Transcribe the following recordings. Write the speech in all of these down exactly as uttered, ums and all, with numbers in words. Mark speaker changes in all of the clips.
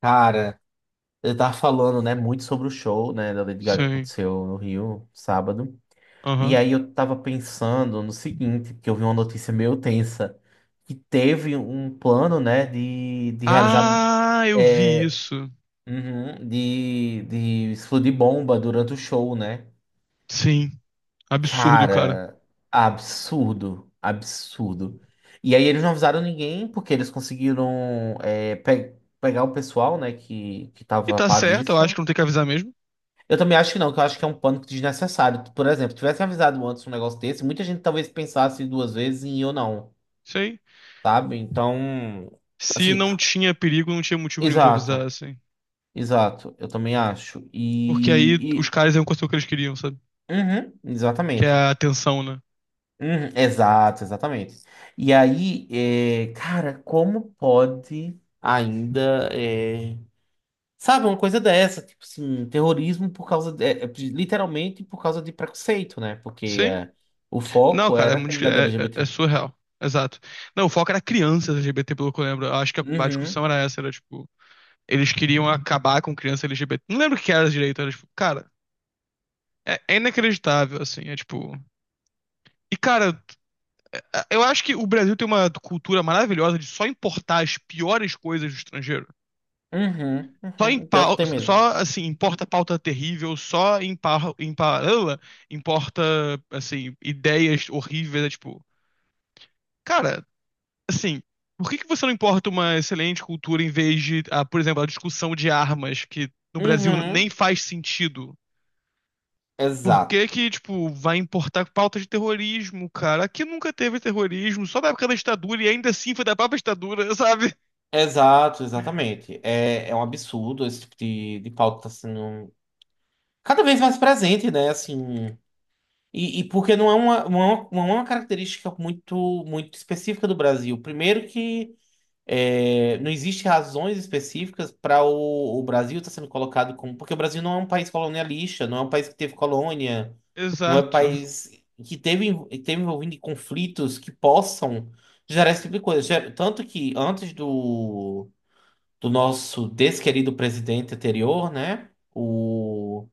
Speaker 1: Cara, eu tava falando, né, muito sobre o show, né, da Lady Gaga que
Speaker 2: Sim.
Speaker 1: aconteceu no Rio, sábado. E
Speaker 2: Aham.
Speaker 1: aí eu tava pensando no seguinte, que eu vi uma notícia meio tensa, que teve um plano, né, de, de realizar,
Speaker 2: Ah, eu vi
Speaker 1: é,
Speaker 2: isso.
Speaker 1: uhum, de, de explodir bomba durante o show, né?
Speaker 2: Sim. Absurdo, cara.
Speaker 1: Cara, absurdo, absurdo. E aí eles não avisaram ninguém, porque eles conseguiram, é, pe- pegar o pessoal, né, que, que
Speaker 2: E
Speaker 1: tava a
Speaker 2: tá
Speaker 1: par
Speaker 2: certo, eu
Speaker 1: disso.
Speaker 2: acho que não tem que avisar mesmo.
Speaker 1: Eu também acho que não, que eu acho que é um pânico desnecessário. Por exemplo, tivesse avisado antes um negócio desse, muita gente talvez pensasse duas vezes em ir ou não,
Speaker 2: Sei.
Speaker 1: sabe? Então,
Speaker 2: Se
Speaker 1: assim,
Speaker 2: não tinha perigo, não tinha motivo nenhum pra avisar,
Speaker 1: exato,
Speaker 2: assim.
Speaker 1: exato, eu também acho.
Speaker 2: Porque aí
Speaker 1: E,
Speaker 2: os
Speaker 1: e-
Speaker 2: caras iam conseguir o que eles queriam, sabe?
Speaker 1: uhum,
Speaker 2: Que é
Speaker 1: exatamente.
Speaker 2: a atenção, né?
Speaker 1: Uhum, exato, exatamente. E aí, é, cara, como pode ainda. eh, Sabe, uma coisa dessa, tipo assim, terrorismo por causa de, é, é, literalmente por causa de preconceito, né? Porque
Speaker 2: Sim.
Speaker 1: é, o
Speaker 2: Não,
Speaker 1: foco
Speaker 2: cara, é
Speaker 1: era a
Speaker 2: muito.
Speaker 1: comunidade
Speaker 2: É, é- é
Speaker 1: L G B T.
Speaker 2: surreal. Exato. Não, o foco era crianças L G B T, pelo que eu lembro. Eu acho que a, a
Speaker 1: Uhum,
Speaker 2: discussão era essa, era tipo. Eles queriam acabar com criança L G B T. Não lembro o que era direito, era tipo. Cara, é, é inacreditável, assim. É tipo. E, cara, eu acho que o Brasil tem uma cultura maravilhosa de só importar as piores coisas do estrangeiro.
Speaker 1: uhum,
Speaker 2: Só,
Speaker 1: uhum. Pior que
Speaker 2: impa-
Speaker 1: tem mesmo.
Speaker 2: só assim, importa pauta terrível, só impa- impa- ela, importa assim, ideias horríveis, é tipo, cara, assim, por que que você não importa uma excelente cultura em vez de, ah, por exemplo, a discussão de armas que no Brasil
Speaker 1: Uhum.
Speaker 2: nem faz sentido? Por
Speaker 1: Exato.
Speaker 2: que que, tipo, vai importar pauta de terrorismo, cara? Aqui nunca teve terrorismo, só na época da ditadura e ainda assim foi da própria ditadura, sabe?
Speaker 1: Exato, exatamente. É, é um absurdo esse tipo de, de pauta tá sendo cada vez mais presente, né? Assim, e, e porque não é uma, uma, uma característica muito, muito específica do Brasil. Primeiro que É, não existe razões específicas para o, o Brasil estar sendo colocado como. Porque o Brasil não é um país colonialista, não é um país que teve colônia, não é um
Speaker 2: Exato.
Speaker 1: país que teve, env- teve envolvido em conflitos que possam gerar esse tipo de coisa. Ger- Tanto que antes do, do nosso desquerido presidente anterior, né? O,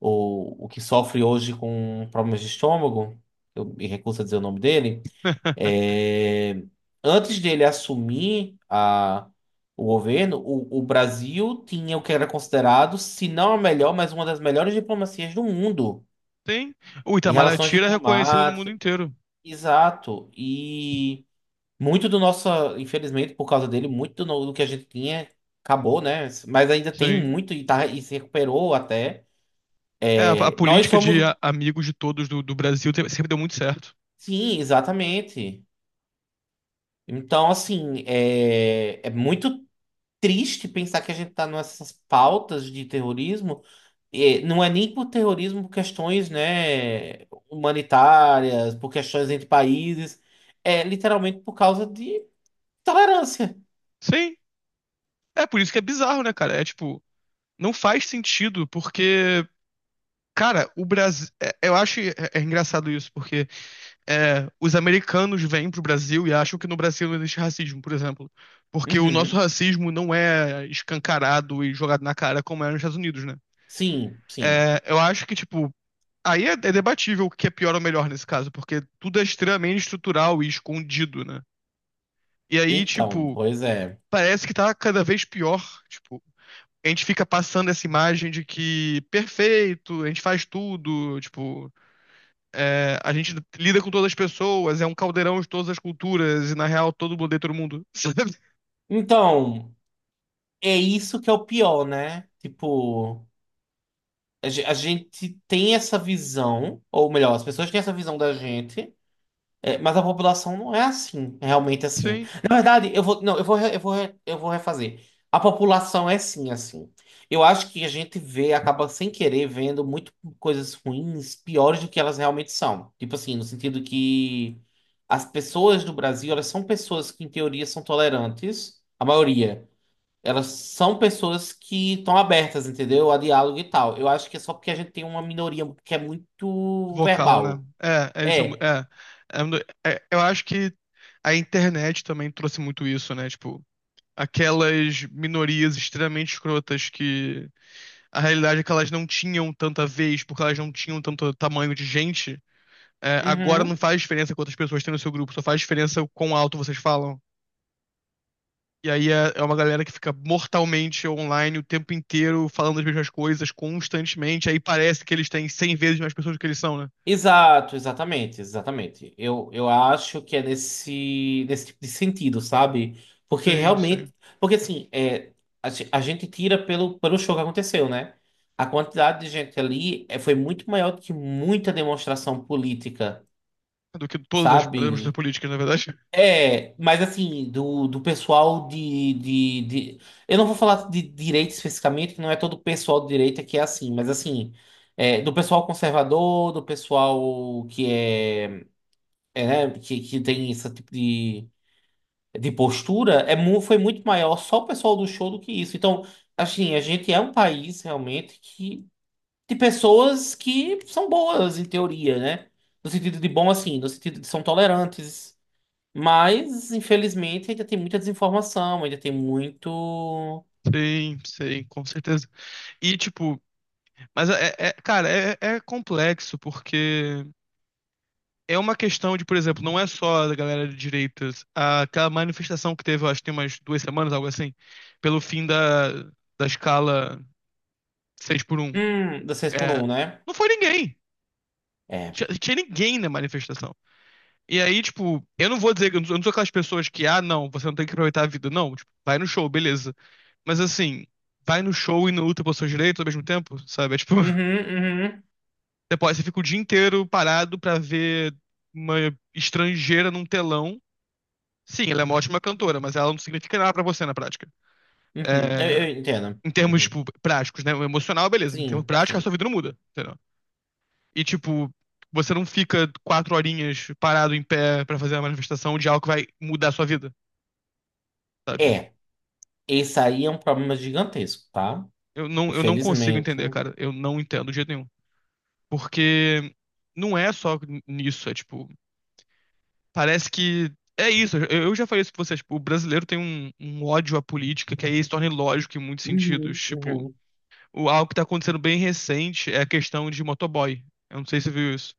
Speaker 1: o, o que sofre hoje com problemas de estômago, eu me recuso a dizer o nome dele. É, antes dele assumir a, o governo, o, o Brasil tinha o que era considerado, se não a melhor, mas uma das melhores diplomacias do mundo
Speaker 2: Tem. O
Speaker 1: em relações
Speaker 2: Itamaraty era reconhecido no mundo
Speaker 1: diplomáticas.
Speaker 2: inteiro.
Speaker 1: Exato. E muito do nosso, infelizmente, por causa dele, muito do, no- do que a gente tinha acabou, né? Mas ainda tem
Speaker 2: Sim.
Speaker 1: muito e, tá, e se recuperou até.
Speaker 2: É, a, a
Speaker 1: É, nós
Speaker 2: política de
Speaker 1: somos.
Speaker 2: a- amigos de todos do, do Brasil te- sempre deu muito certo.
Speaker 1: Sim, exatamente. Então, assim, é, é muito. Triste pensar que a gente está nessas pautas de terrorismo, e não é nem por terrorismo, por questões, né, humanitárias, por questões entre países, é literalmente por causa de tolerância.
Speaker 2: Sim. É por isso que é bizarro, né, cara? É tipo, não faz sentido, porque, cara, o Brasil. Eu acho é, é engraçado isso, porque é, os americanos vêm pro Brasil e acham que no Brasil não existe racismo, por exemplo. Porque o nosso
Speaker 1: Uhum.
Speaker 2: racismo não é escancarado e jogado na cara como é nos Estados Unidos, né?
Speaker 1: Sim, sim.
Speaker 2: É, eu acho que, tipo, aí é, é debatível o que é pior ou melhor nesse caso, porque tudo é extremamente estrutural e escondido, né? E aí,
Speaker 1: Então,
Speaker 2: tipo,
Speaker 1: pois é.
Speaker 2: parece que tá cada vez pior. Tipo, a gente fica passando essa imagem de que perfeito, a gente faz tudo, tipo, é, a gente lida com todas as pessoas, é um caldeirão de todas as culturas, e na real todo mundo odeia todo mundo.
Speaker 1: Então, é isso que é o pior, né? Tipo, a ge- a gente tem essa visão, ou melhor, as pessoas têm essa visão da gente. É, mas a população não é assim, é realmente assim.
Speaker 2: Sim,
Speaker 1: Na verdade, eu vou, não, eu vou, re- eu vou, re- eu vou refazer. A população é sim assim. Eu acho que a gente vê, acaba sem querer vendo muito coisas ruins, piores do que elas realmente são. Tipo assim, no sentido que as pessoas do Brasil, elas são pessoas que em teoria são tolerantes, a maioria. Elas são pessoas que estão abertas, entendeu? A diálogo e tal. Eu acho que é só porque a gente tem uma minoria que é muito
Speaker 2: vocal, né?
Speaker 1: verbal.
Speaker 2: É, é, eles são.
Speaker 1: É.
Speaker 2: É, é, é, eu acho que a internet também trouxe muito isso, né? Tipo, aquelas minorias extremamente escrotas que a realidade é que elas não tinham tanta vez, porque elas não tinham tanto tamanho de gente, é, agora
Speaker 1: Uhum.
Speaker 2: não faz diferença quantas pessoas tem no seu grupo, só faz diferença o quão alto vocês falam. E aí é, é uma galera que fica mortalmente online o tempo inteiro, falando as mesmas coisas constantemente, aí parece que eles têm cem vezes mais pessoas do que eles são, né?
Speaker 1: Exato, exatamente, exatamente. Eu, eu acho que é nesse, nesse tipo de sentido, sabe? Porque
Speaker 2: Sim, sim.
Speaker 1: realmente. Porque assim, é, a, ge- a gente tira pelo, pelo show que aconteceu, né? A quantidade de gente ali é, foi muito maior do que muita demonstração política,
Speaker 2: Do que todas as pessoas
Speaker 1: sabe?
Speaker 2: políticas, na verdade.
Speaker 1: É, mas assim, do, do pessoal de, de, de. Eu não vou falar de direita especificamente, que não é todo pessoal de direita que é assim, mas assim, é, do pessoal conservador, do pessoal que é é, né, que, que tem esse tipo de, de postura, é, mu- foi muito maior só o pessoal do show do que isso. Então, assim, a gente é um país realmente que, de pessoas que são boas, em teoria, né? No sentido de bom, assim, no sentido de são tolerantes. Mas, infelizmente, ainda tem muita desinformação, ainda tem muito.
Speaker 2: Sim, sim, com certeza. E, tipo, mas, é, é- é, cara, é, é complexo, porque é uma questão de, por exemplo, não é só da galera de direitas. Aquela manifestação que teve, eu acho que tem umas duas semanas, algo assim, pelo fim da, da escala seis por um,
Speaker 1: Hum, da seis por
Speaker 2: é,
Speaker 1: um, né?
Speaker 2: não foi ninguém. Não
Speaker 1: É.
Speaker 2: tinha, não tinha ninguém na manifestação. E aí, tipo, eu não vou dizer, que- eu não sou eu não sou aquelas pessoas que, ah, não, você não tem que aproveitar a vida. Não, tipo, vai no show, beleza. Mas assim, vai no show e não luta pelos seus direitos ao mesmo tempo, sabe? É tipo,
Speaker 1: Uhum, uhum,
Speaker 2: você pode, você fica o dia inteiro parado pra ver uma estrangeira num telão. Sim, ela é uma ótima cantora, mas ela não significa nada pra você na prática.
Speaker 1: uhum. Eu,
Speaker 2: É,
Speaker 1: eu entendo.
Speaker 2: em termos,
Speaker 1: Uhum.
Speaker 2: tipo, práticos, né? O emocional, beleza. Mas em termos
Speaker 1: Sim,
Speaker 2: práticos, a sua
Speaker 1: sim.
Speaker 2: vida não muda, entendeu? E, tipo, você não fica quatro horinhas parado em pé pra fazer uma manifestação de algo que vai mudar a sua vida, sabe?
Speaker 1: É. Esse aí é um problema gigantesco, tá?
Speaker 2: Eu não, eu não consigo
Speaker 1: Infelizmente.
Speaker 2: entender, cara. Eu não entendo de jeito nenhum. Porque não é só nisso, é tipo, parece que é isso. Eu, eu já falei isso pra vocês, tipo, o brasileiro tem um, um, ódio à política que aí se torna ilógico em muitos sentidos,
Speaker 1: Uhum,
Speaker 2: tipo,
Speaker 1: uhum.
Speaker 2: o algo que tá acontecendo bem recente é a questão de motoboy. Eu não sei se você viu isso.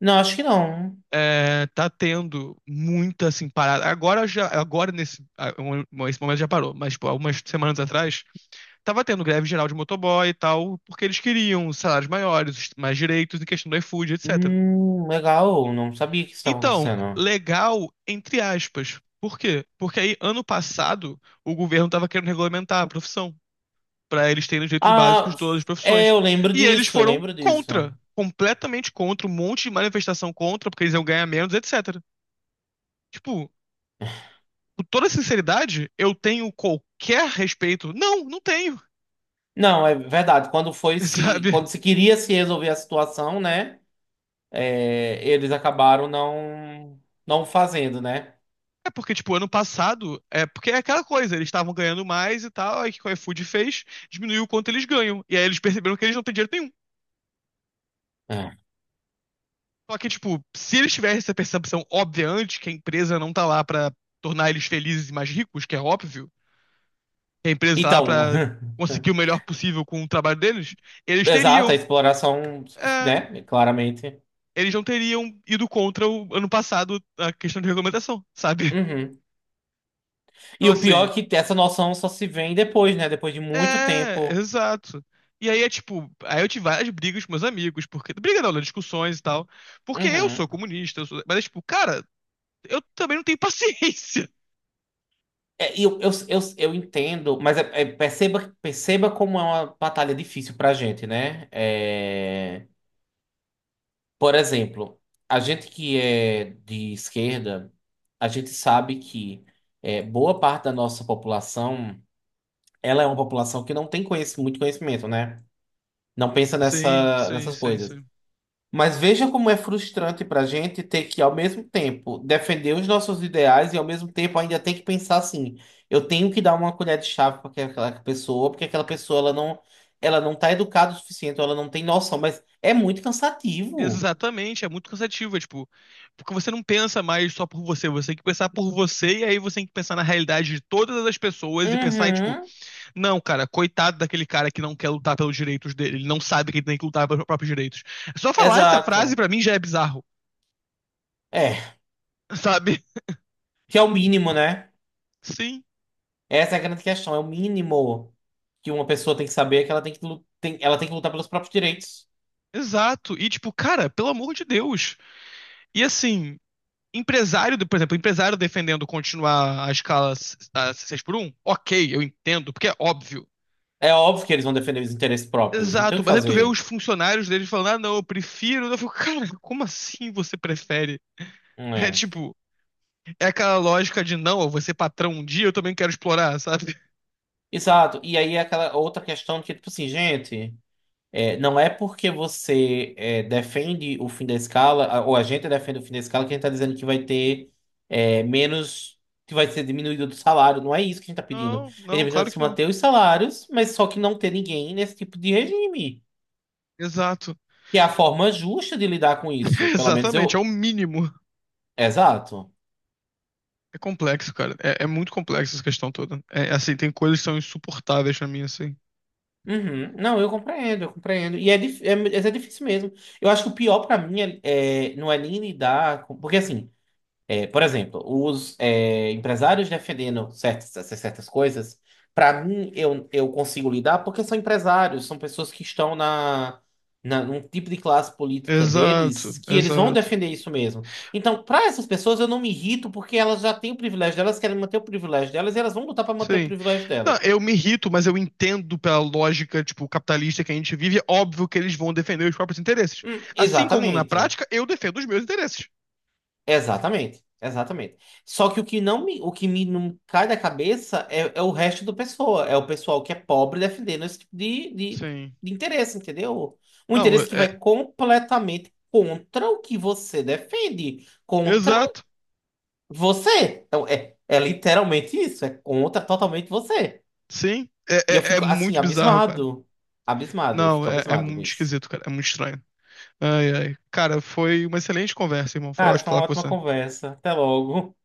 Speaker 1: Não, acho que não.
Speaker 2: É, tá tendo muita, assim, parada. Agora já, agora nesse, ah, um- um, esse momento já parou, mas, tipo, algumas semanas atrás, tava tendo greve geral de motoboy e tal, porque eles queriam salários maiores, mais direitos em questão do iFood, etecétera.
Speaker 1: Hum, legal, não sabia que isso estava
Speaker 2: Então,
Speaker 1: acontecendo.
Speaker 2: legal, entre aspas. Por quê? Porque aí, ano passado, o governo tava querendo regulamentar a profissão para eles terem os direitos básicos
Speaker 1: Ah,
Speaker 2: de todas as
Speaker 1: é,
Speaker 2: profissões.
Speaker 1: eu lembro
Speaker 2: E eles
Speaker 1: disso, eu
Speaker 2: foram
Speaker 1: lembro disso.
Speaker 2: contra, completamente contra, um monte de manifestação contra, porque eles iam ganhar menos, etecétera. Tipo, com toda sinceridade, eu tenho qualquer respeito? Não, não tenho,
Speaker 1: Não, é verdade. Quando foi se,
Speaker 2: sabe?
Speaker 1: quando se queria se resolver a situação, né? é, eles acabaram não, não fazendo, né?
Speaker 2: É porque, tipo, ano passado, é porque é aquela coisa, eles estavam ganhando mais e tal, aí o que o iFood fez, diminuiu o quanto eles ganham. E aí eles perceberam que eles não têm dinheiro nenhum.
Speaker 1: É.
Speaker 2: Só que, tipo, se eles tivessem essa percepção óbvia antes, que a empresa não tá lá pra tornar eles felizes e mais ricos, que é óbvio, que a empresa está lá
Speaker 1: Então,
Speaker 2: para conseguir o melhor possível com o trabalho deles, eles
Speaker 1: exato, a
Speaker 2: teriam,
Speaker 1: exploração,
Speaker 2: é,
Speaker 1: né? Claramente.
Speaker 2: eles não teriam ido contra o ano passado a questão de regulamentação, sabe?
Speaker 1: Uhum.
Speaker 2: Então,
Speaker 1: E o pior
Speaker 2: assim,
Speaker 1: é que essa noção só se vem depois, né? Depois de muito
Speaker 2: é,
Speaker 1: tempo.
Speaker 2: exato. E aí é tipo, aí eu tive várias brigas com meus amigos, porque. Briga não, né? Discussões e tal. Porque eu sou
Speaker 1: Uhum.
Speaker 2: comunista, eu sou- mas é tipo, cara, eu também não tenho paciência.
Speaker 1: É, e eu, eu, eu, eu entendo, mas é- é, perceba, perceba como é uma batalha difícil pra gente, né? É, por exemplo, a gente que é de esquerda, a gente sabe que é, boa parte da nossa população, ela é uma população que não tem conhecimento, muito conhecimento, né? Não pensa
Speaker 2: Sim,
Speaker 1: nessa,
Speaker 2: sim,
Speaker 1: nessas
Speaker 2: sim,
Speaker 1: coisas.
Speaker 2: sim.
Speaker 1: Mas veja como é frustrante para a gente ter que, ao mesmo tempo, defender os nossos ideais e, ao mesmo tempo, ainda tem que pensar assim: eu tenho que dar uma colher de chá para aquela pessoa, porque aquela pessoa ela não, ela não está educada o suficiente, ela não tem noção. Mas é muito cansativo.
Speaker 2: Exatamente, é muito cansativo, é tipo, porque você não pensa mais só por você, você tem que pensar por você e aí você tem que pensar na realidade de todas as pessoas e pensar, e, tipo,
Speaker 1: Uhum,
Speaker 2: não, cara, coitado daquele cara que não quer lutar pelos direitos dele, ele não sabe que ele tem que lutar pelos próprios direitos. Só falar essa frase
Speaker 1: exato.
Speaker 2: pra mim já é bizarro,
Speaker 1: É,
Speaker 2: sabe?
Speaker 1: que é o mínimo, né?
Speaker 2: Sim,
Speaker 1: Essa é a grande questão: é o mínimo que uma pessoa tem que saber é que ela tem que, lu- tem, ela tem que lutar pelos próprios direitos.
Speaker 2: exato. E tipo, cara, pelo amor de Deus. E assim, empresário, por exemplo, empresário defendendo continuar a escala seis por um ok, eu entendo, porque é óbvio.
Speaker 1: É óbvio que eles vão defender os interesses próprios, não tem o
Speaker 2: Exato,
Speaker 1: que
Speaker 2: mas aí tu vê os
Speaker 1: fazer.
Speaker 2: funcionários deles falando, ah, não, eu prefiro. Eu fico, cara, como assim você prefere? É
Speaker 1: É.
Speaker 2: tipo, é aquela lógica de não, eu vou ser patrão um dia, eu também quero explorar, sabe?
Speaker 1: Exato. E aí é aquela outra questão que, tipo assim, gente, é, não é porque você é, defende o fim da escala, a- ou a gente defende o fim da escala, que a gente está dizendo que vai ter é, menos, que vai ser diminuído do salário. Não é isso que a gente está pedindo. A
Speaker 2: Não,
Speaker 1: gente
Speaker 2: não,
Speaker 1: está pedindo
Speaker 2: claro
Speaker 1: se
Speaker 2: que não.
Speaker 1: manter os salários, mas só que não ter ninguém nesse tipo de regime.
Speaker 2: Exato.
Speaker 1: Que é a forma justa de lidar com isso. Pelo menos
Speaker 2: Exatamente, é o
Speaker 1: eu.
Speaker 2: mínimo.
Speaker 1: Exato.
Speaker 2: É complexo, cara. É, é muito complexo essa questão toda. É assim, tem coisas que são insuportáveis pra mim, assim.
Speaker 1: Uhum. Não, eu compreendo, eu compreendo. E é, dif- é, mas é difícil mesmo. Eu acho que o pior pra mim é, é- não é nem lidar com. Porque assim. É, por exemplo, os é, empresários defendendo certas, essas certas coisas, para mim, eu, eu consigo lidar porque são empresários, são pessoas que estão na, na num tipo de classe política
Speaker 2: Exato,
Speaker 1: deles que eles vão
Speaker 2: exato.
Speaker 1: defender isso mesmo. Então, para essas pessoas, eu não me irrito porque elas já têm o privilégio delas, querem manter o privilégio delas e elas vão lutar para manter o
Speaker 2: Sim.
Speaker 1: privilégio
Speaker 2: Não,
Speaker 1: delas.
Speaker 2: eu me irrito, mas eu entendo pela lógica, tipo, capitalista que a gente vive, é óbvio que eles vão defender os próprios interesses.
Speaker 1: Hum,
Speaker 2: Assim como na
Speaker 1: exatamente.
Speaker 2: prática, eu defendo os meus interesses.
Speaker 1: Exatamente, exatamente. Só que o que não me, o que me não cai da cabeça é, é o resto do pessoal é o pessoal que é pobre defendendo esse tipo de, de,
Speaker 2: Sim.
Speaker 1: de interesse, entendeu? Um
Speaker 2: Não, é,
Speaker 1: interesse que vai
Speaker 2: é-
Speaker 1: completamente contra o que você defende, contra
Speaker 2: exato.
Speaker 1: você. Então, é, é literalmente isso, é contra totalmente você.
Speaker 2: Sim. É,
Speaker 1: E eu
Speaker 2: é, é
Speaker 1: fico assim,
Speaker 2: muito bizarro, cara.
Speaker 1: abismado. Abismado, eu
Speaker 2: Não,
Speaker 1: fico
Speaker 2: é, é
Speaker 1: abismado com
Speaker 2: muito
Speaker 1: isso.
Speaker 2: esquisito, cara. É muito estranho. Ai, ai. Cara, foi uma excelente conversa, irmão. Foi
Speaker 1: Cara,
Speaker 2: ótimo
Speaker 1: foi uma
Speaker 2: falar com
Speaker 1: ótima
Speaker 2: você.
Speaker 1: conversa. Até logo.